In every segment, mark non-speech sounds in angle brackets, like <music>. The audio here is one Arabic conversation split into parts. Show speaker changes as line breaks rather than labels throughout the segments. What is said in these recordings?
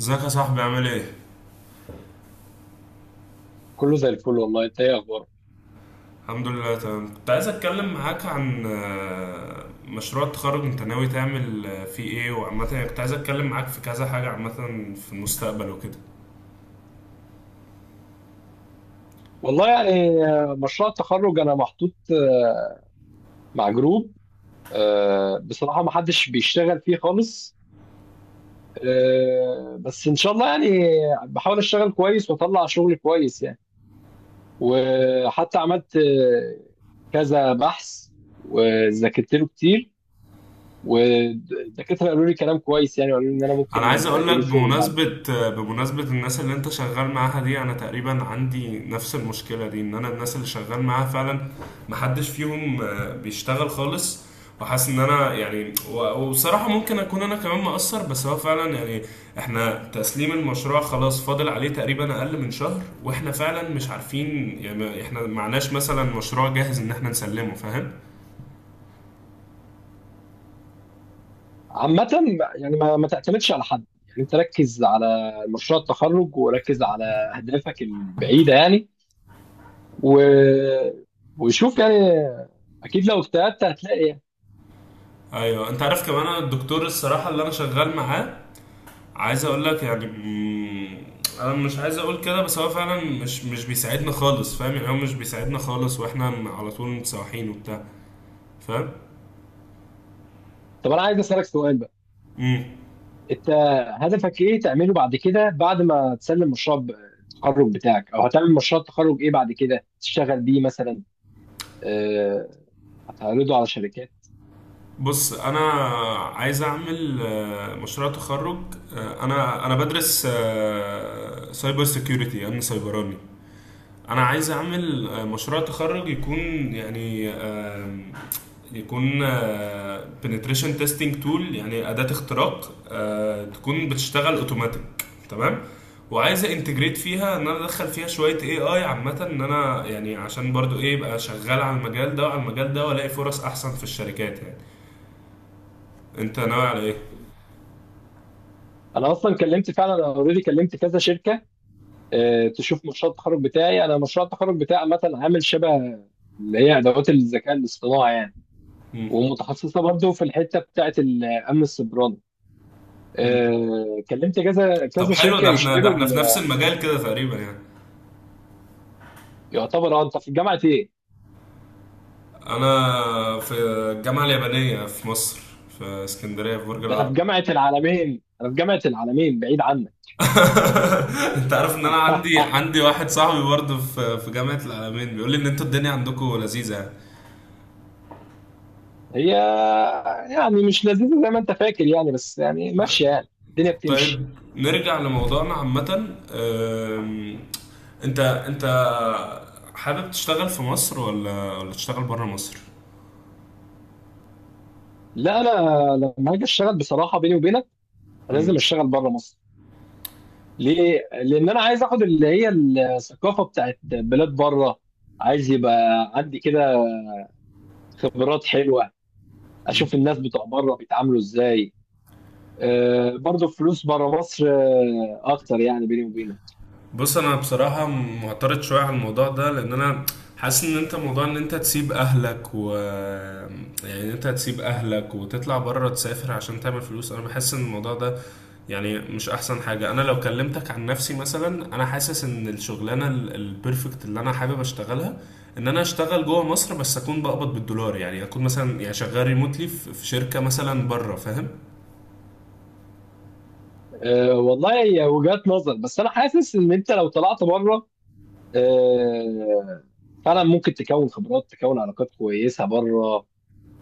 ازيك يا صاحبي؟ عامل ايه؟
كله زي الفل، والله انت ايه اخبارك؟
الحمد لله، تمام. كنت عايز اتكلم معاك عن مشروع التخرج. انت ناوي تعمل فيه ايه؟ وعامة يعني كنت عايز اتكلم معاك في كذا حاجة عامة في المستقبل وكده.
والله يعني، مشروع التخرج انا محطوط مع جروب. بصراحة ما حدش بيشتغل فيه خالص. بس ان شاء الله يعني بحاول اشتغل كويس واطلع شغل كويس يعني. وحتى عملت كذا بحث وذاكرت له كتير، والدكاترة قالوا لي كلام كويس يعني، وقالوا لي ان انا
انا
ممكن
عايز اقول
الاقي
لك
له شغل بعد كده.
بمناسبة، الناس اللي انت شغال معاها دي، انا تقريبا عندي نفس المشكلة دي، ان انا الناس اللي شغال معاها فعلا محدش فيهم بيشتغل خالص. وحاسس ان انا يعني وبصراحة ممكن اكون انا كمان مقصر، بس هو فعلا يعني احنا تسليم المشروع خلاص فاضل عليه تقريبا اقل من شهر، واحنا فعلا مش عارفين يعني احنا معناش مثلا مشروع جاهز ان احنا نسلمه، فاهم؟
عامة يعني ما تعتمدش على حد، يعني انت ركز على مشروع التخرج وركز على اهدافك البعيدة يعني، و... وشوف يعني، اكيد لو اجتهدت هتلاقي يعني.
ايوه. انت عارف كمان انا الدكتور الصراحة اللي انا شغال معاه، عايز اقول لك يعني انا مش عايز اقول كده، بس هو فعلا مش بيساعدنا خالص، فاهم؟ يعني هو مش بيساعدنا خالص، واحنا على طول متسوحين وبتاع، فاهم؟
طب انا عايز اسالك سؤال بقى،
امم
انت هدفك ايه تعمله بعد كده؟ بعد ما تسلم التخرج بتاعك، او هتعمل مشروع التخرج ايه بعد كده تشتغل بيه مثلا؟ آه، هتعرضه على شركات؟
بص، انا عايز اعمل مشروع تخرج. انا بدرس سايبر سيكيورتي، امن سيبراني. انا عايز اعمل مشروع تخرج يكون يعني يكون بنتريشن تيستنج تول، يعني اداه اختراق تكون بتشتغل اوتوماتيك، تمام. وعايز انتجريت فيها، ان انا ادخل فيها شويه اي عامه، ان انا يعني عشان برضو ايه يبقى شغال على المجال ده وعلى المجال ده والاقي فرص احسن في الشركات يعني. انت ناوي على ايه؟
انا اصلا كلمت، فعلا انا اوريدي كلمت كذا شركة تشوف مشروع التخرج بتاعي. انا مشروع التخرج بتاعي عامه عامل شبه اللي هي ادوات الذكاء الاصطناعي يعني،
مم.
ومتخصصه برضه في الحته بتاعه الامن السيبراني.
مم.
كلمت كذا
طب
كذا
حلو،
شركه
ده احنا ده
يشتروا
احنا في نفس المجال كده تقريبا يعني.
يعتبر. اه انت في جامعه ايه؟
انا في الجامعه اليابانيه في مصر، في اسكندريه، في برج
ده انا في
العرب.
جامعه العالمين، انا في جامعه العالمين بعيد عنك.
<laughs> انت عارف ان انا عندي
<laughs>
عندي واحد صاحبي برضه في في جامعه العالمين بيقول لي ان انتوا الدنيا عندكم لذيذه يعني.
هي يعني مش لذيذه زي ما انت فاكر يعني، بس يعني ماشيه، يعني الدنيا بتمشي.
طيب نرجع لموضوعنا عامه. أم، انت حابب تشتغل في مصر ولا تشتغل بره مصر؟
لا انا لما هاجي اشتغل بصراحه بيني وبينك لازم اشتغل بره مصر. ليه؟ لأن أنا عايز آخد اللي هي الثقافة بتاعت بلاد بره، عايز يبقى عندي كده خبرات حلوة،
مم.
أشوف الناس بتوع بره بيتعاملوا إزاي. أه برضه فلوس بره مصر أه أكتر يعني، بيني وبينك.
بص، انا بصراحة معترض شوية على الموضوع ده، لان انا حاسس ان انت موضوع ان انت تسيب اهلك، و... يعني إن انت تسيب اهلك وتطلع بره، تسافر عشان تعمل فلوس، انا بحس ان الموضوع ده يعني مش احسن حاجة. انا لو كلمتك عن نفسي مثلا، انا حاسس ان الشغلانة البرفكت اللي انا حابب اشتغلها ان انا اشتغل جوه مصر، بس اكون بقبض بالدولار، يعني اكون مثلا يعني شغال ريموتلي في في شركة مثلا بره، فاهم؟
أه والله هي وجهات نظر، بس أنا حاسس إن أنت لو طلعت بره، أه، فعلا ممكن تكون خبرات، تكون علاقات كويسة بره.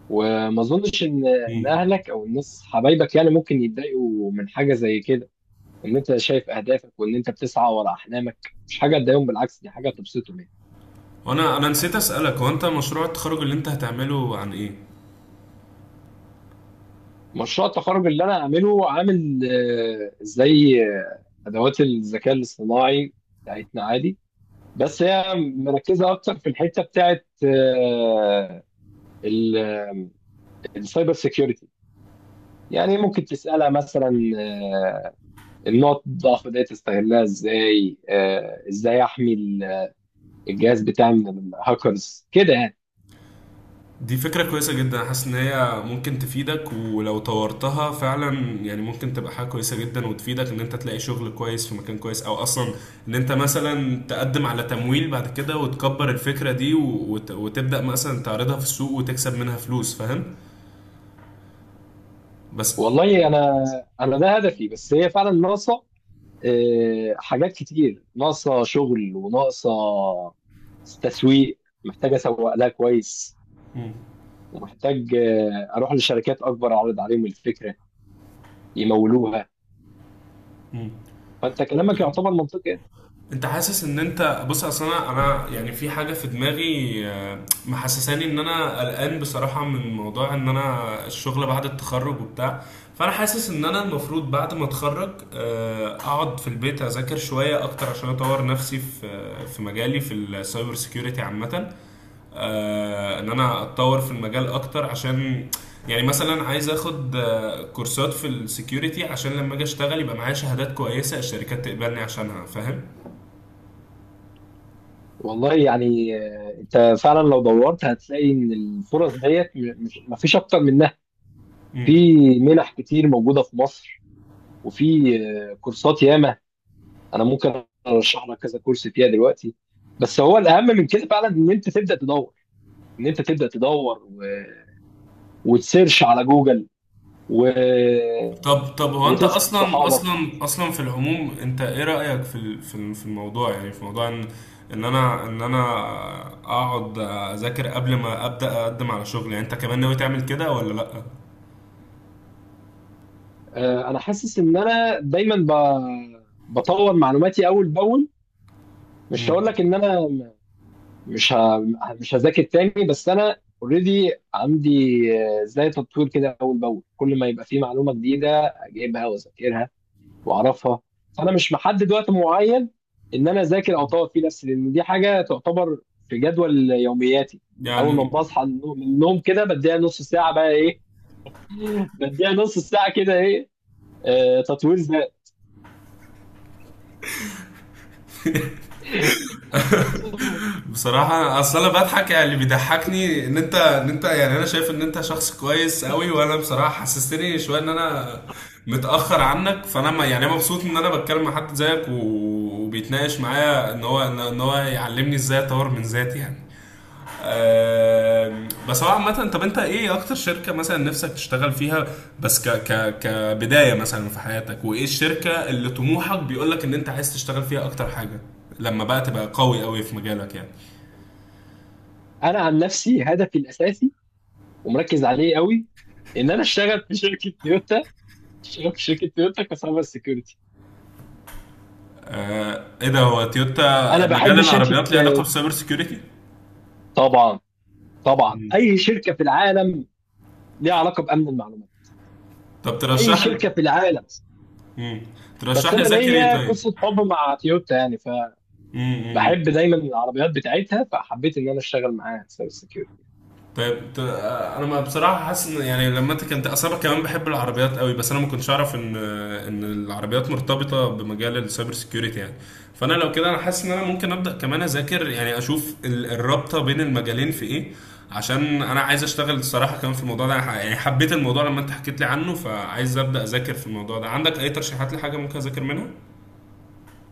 وما أظنش إن
مم.
أهلك أو الناس حبايبك يعني ممكن يتضايقوا من حاجة زي كده. ان انت شايف اهدافك وان انت بتسعى ورا احلامك مش حاجه تضايقهم، بالعكس دي حاجه تبسطهم يعني.
وانا نسيت اسالك، هو انت مشروع التخرج اللي انت هتعمله عن ايه؟
مشروع التخرج اللي انا عامله عامل زي ادوات الذكاء الاصطناعي بتاعتنا عادي، بس هي مركزه اكتر في الحته بتاعت ال- السايبر سيكيورتي. يعني ممكن تسالها مثلا آه، النقط الضعف دي تستغلها ازاي، ازاي احمي الجهاز بتاعي من الهاكرز كده يعني.
دي فكرة كويسة جدا. حاسس ان هي ممكن تفيدك، ولو طورتها فعلا يعني ممكن تبقى حاجة كويسة جدا، وتفيدك ان انت تلاقي شغل كويس في مكان كويس، او اصلا ان انت مثلا تقدم على تمويل بعد كده وتكبر الفكرة دي وتبدأ مثلا تعرضها في السوق وتكسب منها فلوس، فاهم؟ بس...
والله انا، ده هدفي، بس هي فعلا ناقصه حاجات كتير، ناقصه شغل وناقصه تسويق، محتاج اسوق لها كويس،
مم.
ومحتاج اروح لشركات اكبر اعرض عليهم الفكره يمولوها.
مم.
فانت كلامك يعتبر منطقي.
انت حاسس ان انت... بص، اصل انا، يعني في حاجه في دماغي محسساني ان انا قلقان بصراحه من موضوع ان انا الشغل بعد التخرج وبتاع. فانا حاسس ان انا المفروض بعد ما اتخرج اقعد في البيت اذاكر شويه اكتر عشان اطور نفسي في في مجالي، في السايبر سيكيورتي عامه. ان انا اتطور في المجال اكتر، عشان يعني مثلا عايز اخد كورسات في السكيورتي عشان لما اجي اشتغل يبقى معايا شهادات كويسه الشركات تقبلني عشانها، فاهم؟
والله يعني انت فعلا لو دورت هتلاقي ان الفرص ديت مش مفيش اكتر منها.
مم.
في منح كتير موجوده في مصر، وفي كورسات ياما، انا ممكن ارشح لك كذا كورس فيها دلوقتي. بس هو الاهم من كده فعلا ان انت تبدا تدور، ان انت تبدا تدور وتسيرش على جوجل و...
طب هو انت
وتسال
اصلا
صحابك.
اصلا اصلا في العموم، انت ايه رأيك في في في الموضوع يعني؟ في موضوع ان ان انا ان انا اقعد اذاكر قبل ما ابدا اقدم على شغل، يعني انت كمان ناوي تعمل كده ولا لا؟
انا حاسس ان انا دايما بطور معلوماتي اول باول. مش
امم
هقول لك ان مش ه... مش هذاكر تاني، بس انا اوريدي عندي زي تطوير كده اول باول، كل ما يبقى في معلومه جديده اجيبها واذاكرها واعرفها. فانا مش محدد وقت معين ان انا اذاكر او اطور فيه نفسي، لان دي حاجه تعتبر في جدول يومياتي. اول ما
يعني
بصحى من النوم كده بديها نص ساعه بقى ايه، <laughs> بديها نص ساعه كده ايه، آه تطوير ذات.
بصراحة، اصل انا بضحك، يعني اللي بيضحكني ان انت ان انت يعني انا شايف ان انت شخص كويس قوي، وانا بصراحة حسستني شوية ان انا متأخر عنك، فانا ما يعني مبسوط ان انا بتكلم مع حد زيك، وبيتناقش معايا ان هو، إن هو يعلمني ازاي اطور من ذاتي يعني. بس هو عامة، طب انت ايه اكتر شركة مثلا نفسك تشتغل فيها بس ك ك كبداية مثلا في حياتك؟ وايه الشركة اللي طموحك بيقولك ان انت عايز تشتغل فيها اكتر حاجة، لما بقى تبقى قوي في مجالك يعني؟
انا عن نفسي هدفي الاساسي، ومركز عليه قوي، ان انا اشتغل في شركه تويوتا، اشتغل في شركه تويوتا كسايبر سيكيورتي.
ايه ده، هو
انا
تويوتا مجال
بحب شركه
العربيات ليه علاقة بالسايبر سيكيورتي؟
طبعا، طبعا اي شركه في العالم ليها علاقه بامن المعلومات،
طب
اي
ترشح لي.
شركه في العالم.
مم.
بس
ترشح لي
انا
اذاكر ايه
ليا
طيب؟
قصه حب مع تويوتا يعني،
مم.
فبحب
مم.
دايما العربيات بتاعتها، فحبيت ان انا اشتغل معاها سايبر سكيورتي.
طيب انا ما بصراحه حاسس ان يعني لما انت كنت اصلا كمان بحب العربيات قوي، بس انا ما كنتش اعرف ان ان العربيات مرتبطه بمجال السايبر سيكيورتي يعني. فانا لو كده انا حاسس ان انا ممكن ابدا كمان اذاكر، يعني اشوف الرابطه بين المجالين في ايه، عشان انا عايز اشتغل الصراحه كمان في الموضوع ده. أنا يعني حبيت الموضوع لما انت حكيت لي عنه، فعايز ابدا اذاكر في الموضوع ده. عندك اي ترشيحات لحاجه ممكن اذاكر منها؟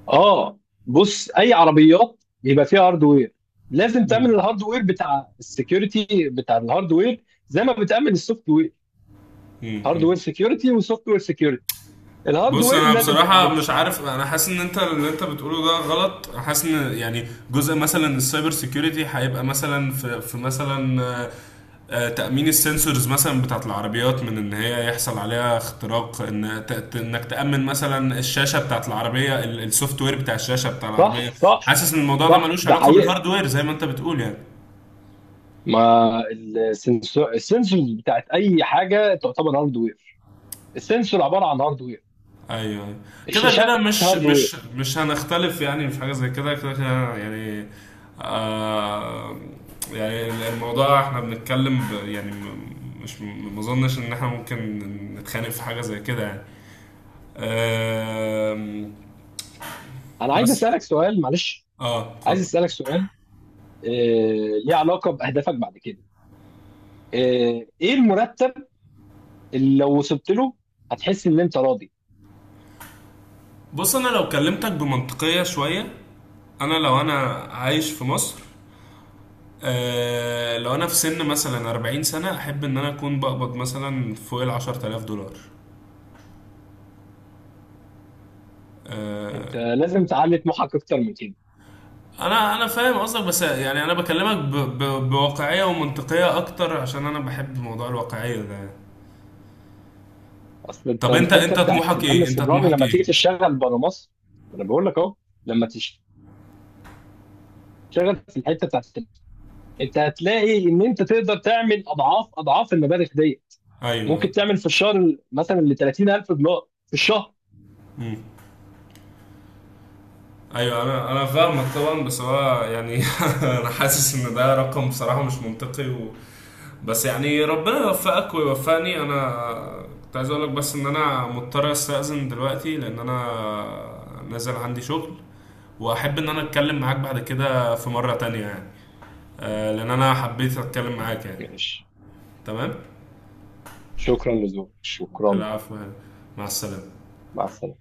اه بص، اي عربيات بيبقى فيها هاردوير لازم تامن
امم.
الهاردوير، بتاع السكيورتي بتاع الهاردوير زي ما بتامن السوفت وير.
امم.
هاردوير سكيورتي وسوفت وير سكيورتي،
بص،
الهاردوير
انا
لازم
بصراحه
تامنه.
مش عارف، انا حاسس ان انت اللي انت بتقوله ده غلط. أنا حاسس ان يعني جزء مثلا السايبر سيكيورتي هيبقى مثلا في، في مثلا تامين السنسورز مثلا بتاعت العربيات من ان هي يحصل عليها اختراق، ان انك تامن مثلا الشاشه بتاعت العربيه، السوفت وير بتاع الشاشه بتاع العربيه.
صح صح
حاسس ان الموضوع ده
صح
ملوش
ده
علاقه
حقيقه.
بالهاردوير زي ما انت بتقول يعني.
ما السنسور، السنسورز بتاعت اي حاجه تعتبر هاردوير، السنسور عباره عن هاردوير،
ايوه، أيوة. كده كده
الشاشات
مش
هاردوير.
مش مش هنختلف يعني في حاجه زي كده، كده كده يعني. آه، يعني الموضوع احنا بنتكلم يعني مش ما اظنش ان احنا ممكن نتخانق في حاجه زي كده يعني. آم،
انا عايز
بس...
اسالك سؤال، معلش،
اه،
عايز
اتفضل.
اسالك سؤال آه، ليه علاقه باهدافك بعد كده. ايه المرتب اللي لو وصلت له هتحس ان انت راضي؟
بص، انا لو كلمتك بمنطقيه شويه، انا لو انا عايش في مصر، آه لو انا في سن مثلا 40 سنة، احب ان انا اكون بقبض مثلا فوق ال $10,000. آه،
انت لازم تعلي طموحك اكتر من كده.
انا فاهم قصدك، بس يعني انا بكلمك ب... ب... بواقعيه ومنطقيه اكتر، عشان انا بحب موضوع الواقعيه ده يعني.
اصل انت
طب انت
الحته
انت
بتاعت
طموحك
الامن
ايه، انت
السيبراني
طموحك
لما تيجي
ايه؟
تشتغل بره مصر، انا بقول لك اهو، لما تشتغل في الحته بتاعت، انت هتلاقي ان انت تقدر تعمل اضعاف اضعاف المبالغ دي،
ايوه.
ممكن تعمل في الشهر مثلا ل 30,000 دولار في الشهر.
امم. ايوه، انا فاهمك طبعا، بس هو يعني <laughs> انا حاسس ان ده رقم بصراحه مش منطقي و... بس يعني ربنا يوفقك ويوفقني. انا كنت عايز اقول لك بس ان انا مضطر استاذن دلوقتي، لان انا نازل عندي شغل. واحب ان انا اتكلم معاك بعد كده في مره تانية يعني، لان انا حبيت اتكلم معاك يعني.
ماشي،
تمام.
شكرا لذوقك، شكرا،
العفو يعني. مع السلامه.
مع السلامه.